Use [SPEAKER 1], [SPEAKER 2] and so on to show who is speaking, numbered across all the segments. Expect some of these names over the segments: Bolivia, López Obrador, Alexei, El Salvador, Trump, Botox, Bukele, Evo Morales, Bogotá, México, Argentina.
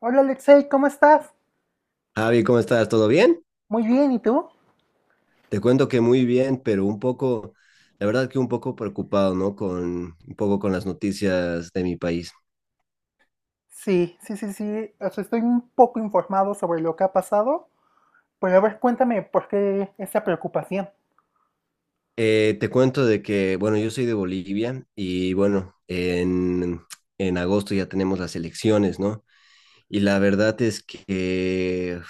[SPEAKER 1] Hola Alexei, ¿cómo estás?
[SPEAKER 2] Javi, ¿cómo estás? ¿Todo bien?
[SPEAKER 1] Muy bien, ¿y tú?
[SPEAKER 2] Te cuento que muy bien, pero un poco, la verdad que un poco preocupado, ¿no? Con un poco con las noticias de mi país.
[SPEAKER 1] Sí, sí, sí, sí. O sea, estoy un poco informado sobre lo que ha pasado, pero a ver, cuéntame por qué esa preocupación.
[SPEAKER 2] Te cuento de que, bueno, yo soy de Bolivia y bueno, en agosto ya tenemos las elecciones, ¿no? Y la verdad es que,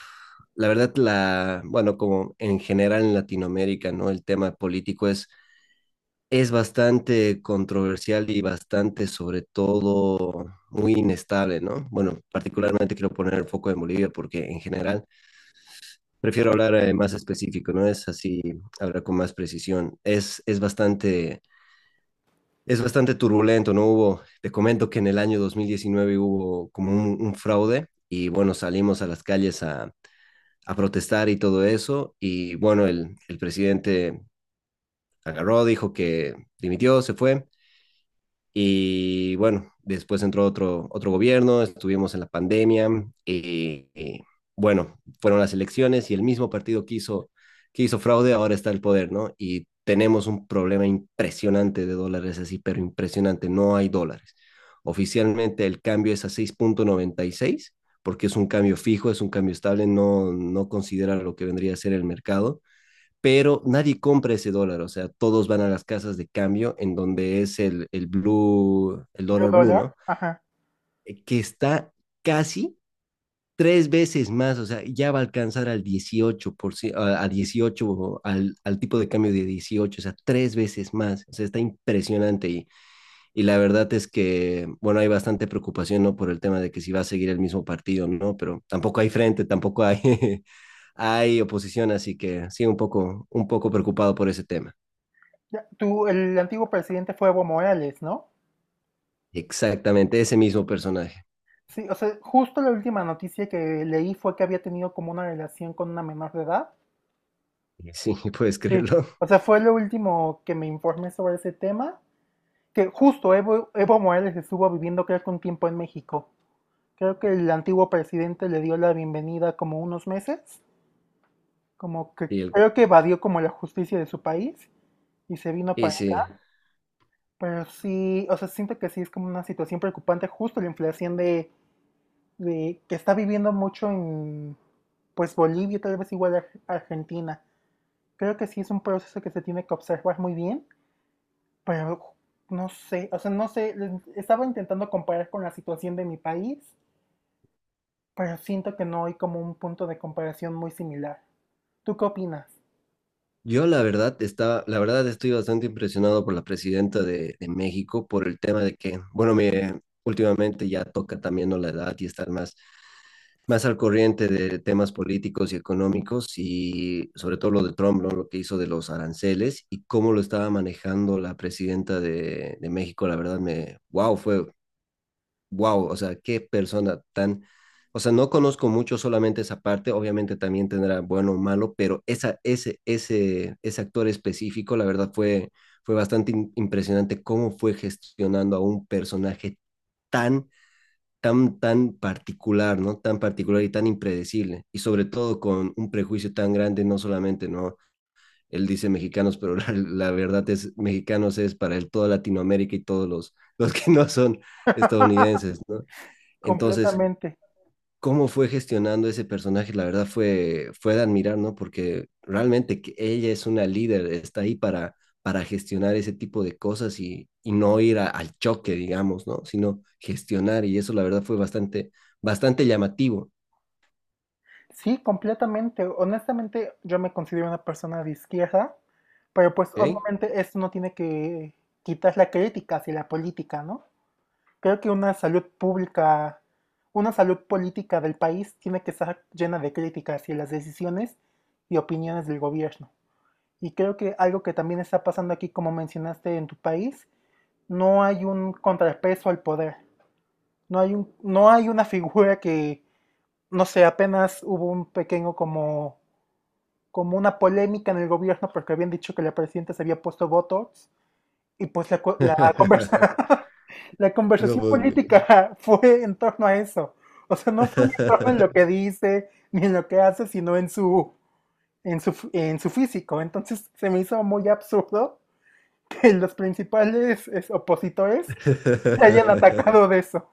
[SPEAKER 2] la verdad, bueno, como en general en Latinoamérica, ¿no? El tema político es bastante controversial y bastante, sobre todo, muy inestable, ¿no? Bueno, particularmente quiero poner el foco en Bolivia porque en general prefiero hablar más específico, ¿no? Es así, hablar con más precisión. Es bastante turbulento, ¿no? Hubo, te comento que en el año 2019 hubo como un fraude y bueno, salimos a las calles a protestar y todo eso y bueno, el presidente agarró, dijo que dimitió, se fue. Y bueno, después entró otro gobierno, estuvimos en la pandemia. Y bueno, fueron las elecciones y el mismo partido que hizo fraude ahora está al poder, ¿no? Y tenemos un problema impresionante de dólares así, pero impresionante, no hay dólares. Oficialmente el cambio es a 6,96 porque es un cambio fijo, es un cambio estable, no considera lo que vendría a ser el mercado, pero nadie compra ese dólar, o sea, todos van a las casas de cambio, en donde es el blue, el
[SPEAKER 1] ¿De
[SPEAKER 2] dólar blue,
[SPEAKER 1] dólar?
[SPEAKER 2] ¿no?
[SPEAKER 1] Ajá.
[SPEAKER 2] Que está casi tres veces más, o sea, ya va a alcanzar al 18%, a 18, al tipo de cambio de 18, o sea, tres veces más, o sea, está impresionante, y la verdad es que, bueno, hay bastante preocupación, ¿no? Por el tema de que si va a seguir el mismo partido, ¿no? Pero tampoco hay frente, tampoco hay, hay oposición, así que sí, un poco preocupado por ese tema.
[SPEAKER 1] Ya, tú, el antiguo presidente fue Evo Morales, ¿no?
[SPEAKER 2] Exactamente ese mismo personaje.
[SPEAKER 1] Sí, o sea, justo la última noticia que leí fue que había tenido como una relación con una menor de edad.
[SPEAKER 2] Sí, puedes
[SPEAKER 1] Sí,
[SPEAKER 2] creerlo.
[SPEAKER 1] o sea, fue lo último que me informé sobre ese tema. Que justo Evo Morales estuvo viviendo creo que un tiempo en México. Creo que el antiguo presidente le dio la bienvenida como unos meses. Como que
[SPEAKER 2] Y, el,
[SPEAKER 1] creo que evadió como la justicia de su país y se vino
[SPEAKER 2] y
[SPEAKER 1] para...
[SPEAKER 2] sí,
[SPEAKER 1] Pero sí, o sea, siento que sí es como una situación preocupante justo la inflación de que está viviendo mucho en pues Bolivia, tal vez igual Ar- Argentina. Creo que sí es un proceso que se tiene que observar muy bien, pero no sé, estaba intentando comparar con la situación de mi país, pero siento que no hay como un punto de comparación muy similar. ¿Tú qué opinas?
[SPEAKER 2] yo la verdad estaba, la verdad estoy bastante impresionado por la presidenta de México, por el tema de que, bueno, últimamente ya toca también, ¿no?, la edad, y estar más al corriente de temas políticos y económicos, y sobre todo lo de Trump, ¿no?, lo que hizo de los aranceles y cómo lo estaba manejando la presidenta de México, la verdad wow, fue, wow, o sea, qué persona tan, o sea, no conozco mucho, solamente esa parte, obviamente también tendrá bueno o malo, pero ese actor específico, la verdad fue bastante impresionante cómo fue gestionando a un personaje tan, tan particular, ¿no? Tan particular y tan impredecible, y sobre todo con un prejuicio tan grande, no solamente, ¿no? Él dice mexicanos, pero la verdad es, mexicanos es para él toda Latinoamérica y todos los que no son estadounidenses, ¿no? Entonces,
[SPEAKER 1] Completamente.
[SPEAKER 2] cómo fue gestionando ese personaje, la verdad fue de admirar, ¿no? Porque realmente que ella es una líder, está ahí para gestionar ese tipo de cosas, y no ir al choque, digamos, ¿no? Sino gestionar, y eso la verdad fue bastante, bastante llamativo.
[SPEAKER 1] Sí, completamente. Honestamente, yo me considero una persona de izquierda, pero pues
[SPEAKER 2] ¿Ok?
[SPEAKER 1] obviamente esto no tiene que quitar la crítica hacia la política, ¿no? Creo que una salud pública, una salud política del país tiene que estar llena de críticas hacia las decisiones y opiniones del gobierno. Y creo que algo que también está pasando aquí, como mencionaste en tu país, no hay un contrapeso al poder. No hay una figura que, no sé, apenas hubo un pequeño como, como una polémica en el gobierno porque habían dicho que la presidenta se había puesto Botox y pues la, co- la conversa- la
[SPEAKER 2] No
[SPEAKER 1] conversación
[SPEAKER 2] puedo creer.
[SPEAKER 1] política fue en torno a eso. O sea, no fue ni en torno en lo que dice, ni en lo que hace, sino en su, f- en su físico. Entonces se me hizo muy absurdo que los principales es, opositores le hayan atacado de eso.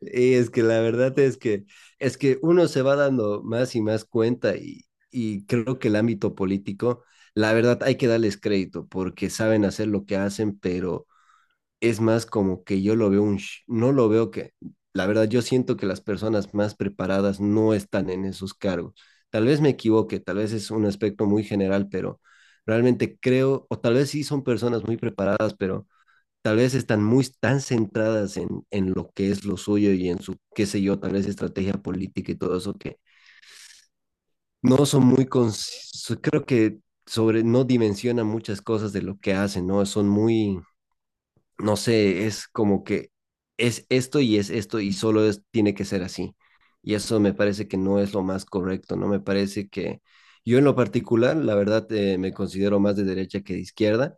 [SPEAKER 2] Y es que la verdad es que uno se va dando más y más cuenta, y creo que el ámbito político, la verdad hay que darles crédito porque saben hacer lo que hacen, pero es más como que yo lo veo no lo veo que, la verdad yo siento que las personas más preparadas no están en esos cargos. Tal vez me equivoque, tal vez es un aspecto muy general, pero realmente creo, o tal vez sí son personas muy preparadas, pero tal vez están muy tan centradas en lo que es lo suyo y en su, qué sé yo, tal vez estrategia política y todo eso, que no son creo que no dimensionan muchas cosas de lo que hacen, ¿no? Son muy, no sé, es como que es esto y es esto, y solo es, tiene que ser así. Y eso me parece que no es lo más correcto, ¿no? Me parece que yo en lo particular, la verdad, me considero más de derecha que de izquierda,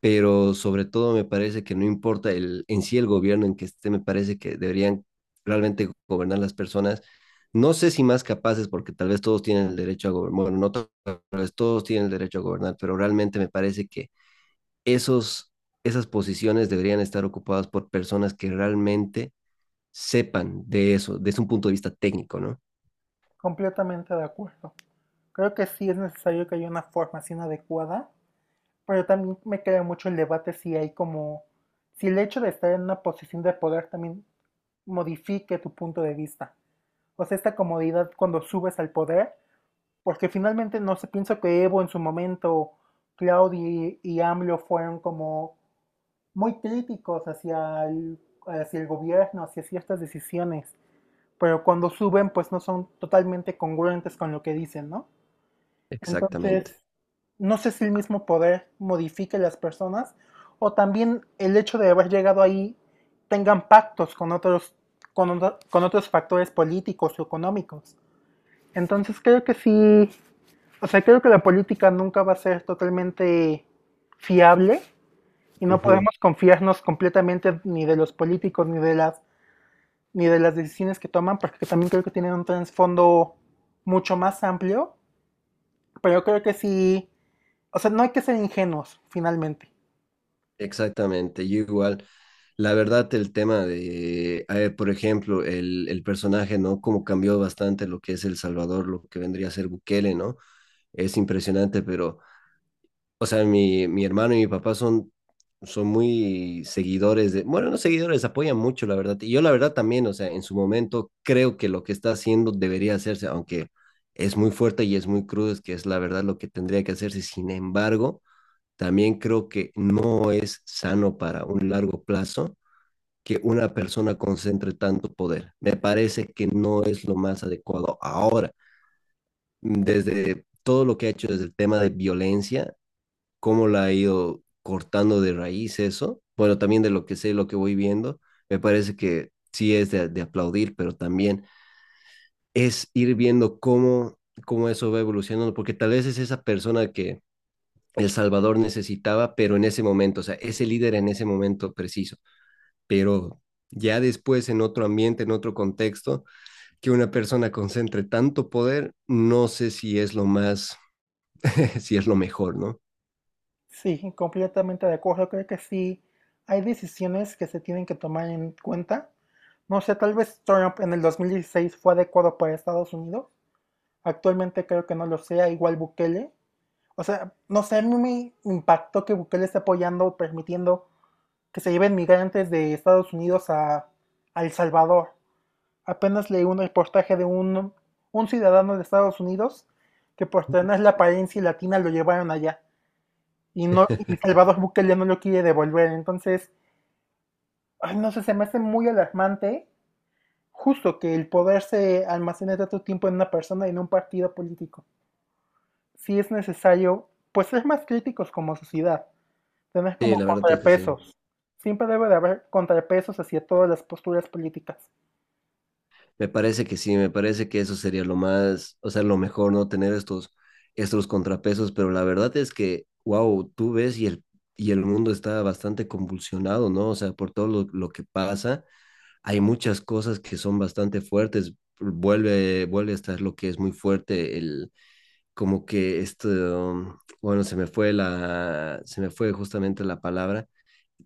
[SPEAKER 2] pero sobre todo me parece que no importa en sí el gobierno en que esté, me parece que deberían realmente gobernar las personas. No sé si más capaces, porque tal vez todos tienen el derecho a gobernar, bueno, no to- tal vez todos tienen el derecho a gobernar, pero realmente me parece que esos, esas posiciones deberían estar ocupadas por personas que realmente sepan de eso, desde un punto de vista técnico, ¿no?
[SPEAKER 1] Completamente de acuerdo. Creo que sí es necesario que haya una formación adecuada, pero también me queda mucho el debate si hay como, si el hecho de estar en una posición de poder también modifique tu punto de vista. O sea, esta comodidad cuando subes al poder, porque finalmente no sé, pienso que Evo en su momento, Claudio y AMLO fueron como muy críticos hacia el gobierno, hacia ciertas decisiones, pero cuando suben pues no son totalmente congruentes con lo que dicen, ¿no?
[SPEAKER 2] Exactamente.
[SPEAKER 1] Entonces, no sé si el mismo poder modifique las personas o también el hecho de haber llegado ahí tengan pactos con otros, con, otro- con otros factores políticos o económicos. Entonces, creo que sí, o sea, creo que la política nunca va a ser totalmente fiable y no
[SPEAKER 2] Ujú.
[SPEAKER 1] podemos confiarnos completamente ni de los políticos ni de las decisiones que toman, porque también creo que tienen un trasfondo mucho más amplio, pero creo que sí, o sea, no hay que ser ingenuos, finalmente.
[SPEAKER 2] Exactamente, yo igual. La verdad, el tema de, a ver, por ejemplo, el personaje, ¿no? Cómo cambió bastante lo que es El Salvador, lo que vendría a ser Bukele, ¿no? Es impresionante, pero, o sea, mi hermano y mi papá son muy seguidores de, bueno, no seguidores, apoyan mucho, la verdad. Y yo, la verdad, también, o sea, en su momento creo que lo que está haciendo debería hacerse, aunque es muy fuerte y es muy crudo, es que es la verdad lo que tendría que hacerse. Sin embargo, también creo que no es sano para un largo plazo que una persona concentre tanto poder. Me parece que no es lo más adecuado ahora. Desde todo lo que ha hecho, desde el tema de violencia, cómo la ha ido cortando de raíz eso, bueno, también de lo que sé, lo que voy viendo, me parece que sí es de aplaudir, pero también es ir viendo cómo eso va evolucionando, porque tal vez es esa persona que El Salvador necesitaba, pero en ese momento, o sea, ese líder en ese momento preciso, pero ya después en otro ambiente, en otro contexto, que una persona concentre tanto poder, no sé si es lo más, si es lo mejor, ¿no?
[SPEAKER 1] Sí, completamente de acuerdo. Creo que sí hay decisiones que se tienen que tomar en cuenta. No sé, tal vez Trump en el 2016 fue adecuado para Estados Unidos. Actualmente creo que no lo sea, igual Bukele. O sea, no sé, a mí me impactó que Bukele esté apoyando o permitiendo que se lleven migrantes de Estados Unidos a El Salvador. Apenas leí un reportaje de un ciudadano de Estados Unidos que por tener la apariencia latina lo llevaron allá. Y no, y Salvador Bukele no lo quiere devolver. Entonces, ay, no sé, se me hace muy alarmante justo que el poder se almacene tanto tiempo en una persona y en un partido político. Si es necesario, pues ser más críticos como sociedad, tener
[SPEAKER 2] Sí,
[SPEAKER 1] como
[SPEAKER 2] la verdad es que sí.
[SPEAKER 1] contrapesos. Siempre debe de haber contrapesos hacia todas las posturas políticas.
[SPEAKER 2] Me parece que sí, me parece que eso sería lo más, o sea, lo mejor, ¿no? Tener estos contrapesos, pero la verdad es que, wow, tú ves y el mundo está bastante convulsionado, ¿no? O sea, por todo lo que pasa hay muchas cosas que son bastante fuertes. Vuelve a estar lo que es muy fuerte, como que esto, bueno, se me fue se me fue justamente la palabra,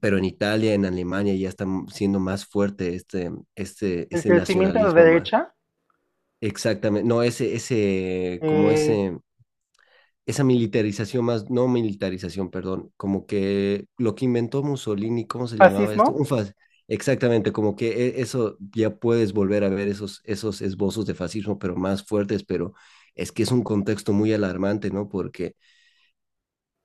[SPEAKER 2] pero en Italia, en Alemania ya está siendo más fuerte este, este,
[SPEAKER 1] El
[SPEAKER 2] ese
[SPEAKER 1] crecimiento de
[SPEAKER 2] nacionalismo más.
[SPEAKER 1] derecha,
[SPEAKER 2] Exactamente, no,
[SPEAKER 1] eh,
[SPEAKER 2] esa militarización más, no militarización, perdón, como que lo que inventó Mussolini, ¿cómo se llamaba esto?
[SPEAKER 1] fascismo,
[SPEAKER 2] Exactamente, como que eso ya puedes volver a ver esos, esbozos de fascismo, pero más fuertes, pero es que es un contexto muy alarmante, ¿no? Porque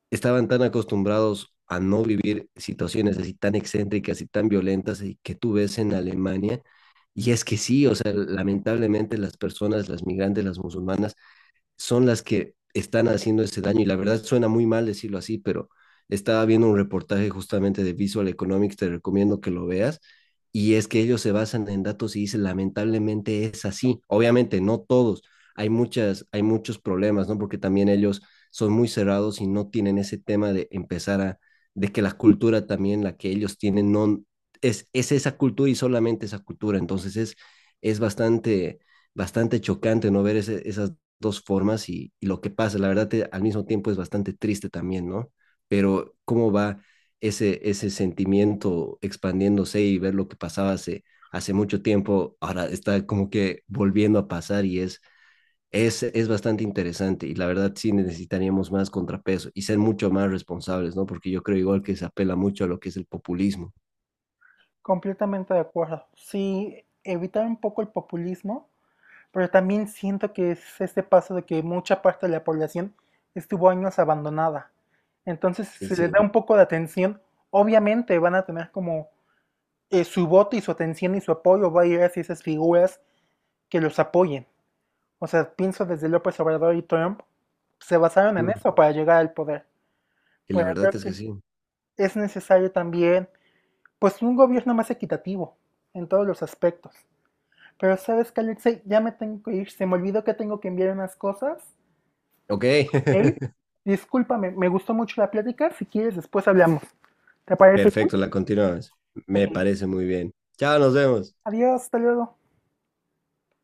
[SPEAKER 2] estaban tan acostumbrados a no vivir situaciones así tan excéntricas y tan violentas, y que tú ves en Alemania. Y es que sí, o sea, lamentablemente las personas, las migrantes, las musulmanas, son las que están haciendo ese daño. Y la verdad suena muy mal decirlo así, pero estaba viendo un reportaje justamente de Visual Economics, te recomiendo que lo veas. Y es que ellos se basan en datos y dicen, lamentablemente es así. Obviamente, no todos. Hay muchos problemas, ¿no? Porque también ellos son muy cerrados y no tienen ese tema de empezar de que la cultura también, la que ellos tienen, no, es esa cultura y solamente esa cultura. Entonces es bastante, bastante chocante no ver esas dos formas, y lo que pasa. La verdad, al mismo tiempo es bastante triste también, ¿no? Pero cómo va ese sentimiento expandiéndose, y ver lo que pasaba hace mucho tiempo, ahora está como que volviendo a pasar, y es bastante interesante. Y la verdad, sí necesitaríamos más contrapeso y ser mucho más responsables, ¿no? Porque yo creo igual que se apela mucho a lo que es el populismo.
[SPEAKER 1] completamente de acuerdo. Sí, evitar un poco el populismo. Pero también siento que es este paso de que mucha parte de la población estuvo años abandonada. Entonces, si
[SPEAKER 2] Y
[SPEAKER 1] se les
[SPEAKER 2] sí,
[SPEAKER 1] da un poco de atención, obviamente van a tener como su voto y su atención y su apoyo va a ir hacia esas figuras que los apoyen. O sea, pienso desde López Obrador y Trump, se basaron en
[SPEAKER 2] mm,
[SPEAKER 1] eso para llegar al poder.
[SPEAKER 2] y la
[SPEAKER 1] Pero creo
[SPEAKER 2] verdad es que
[SPEAKER 1] que
[SPEAKER 2] sí.
[SPEAKER 1] es necesario también, pues, un gobierno más equitativo en todos los aspectos. Pero sabes que, Alexei, ya me tengo que ir. Se me olvidó que tengo que enviar unas cosas.
[SPEAKER 2] Ok,
[SPEAKER 1] Hey, discúlpame, me gustó mucho la plática. Si quieres, después hablamos. ¿Te parece bien?
[SPEAKER 2] perfecto, la continuamos.
[SPEAKER 1] Ok.
[SPEAKER 2] Me parece muy bien. Chao, nos vemos.
[SPEAKER 1] Adiós, hasta luego.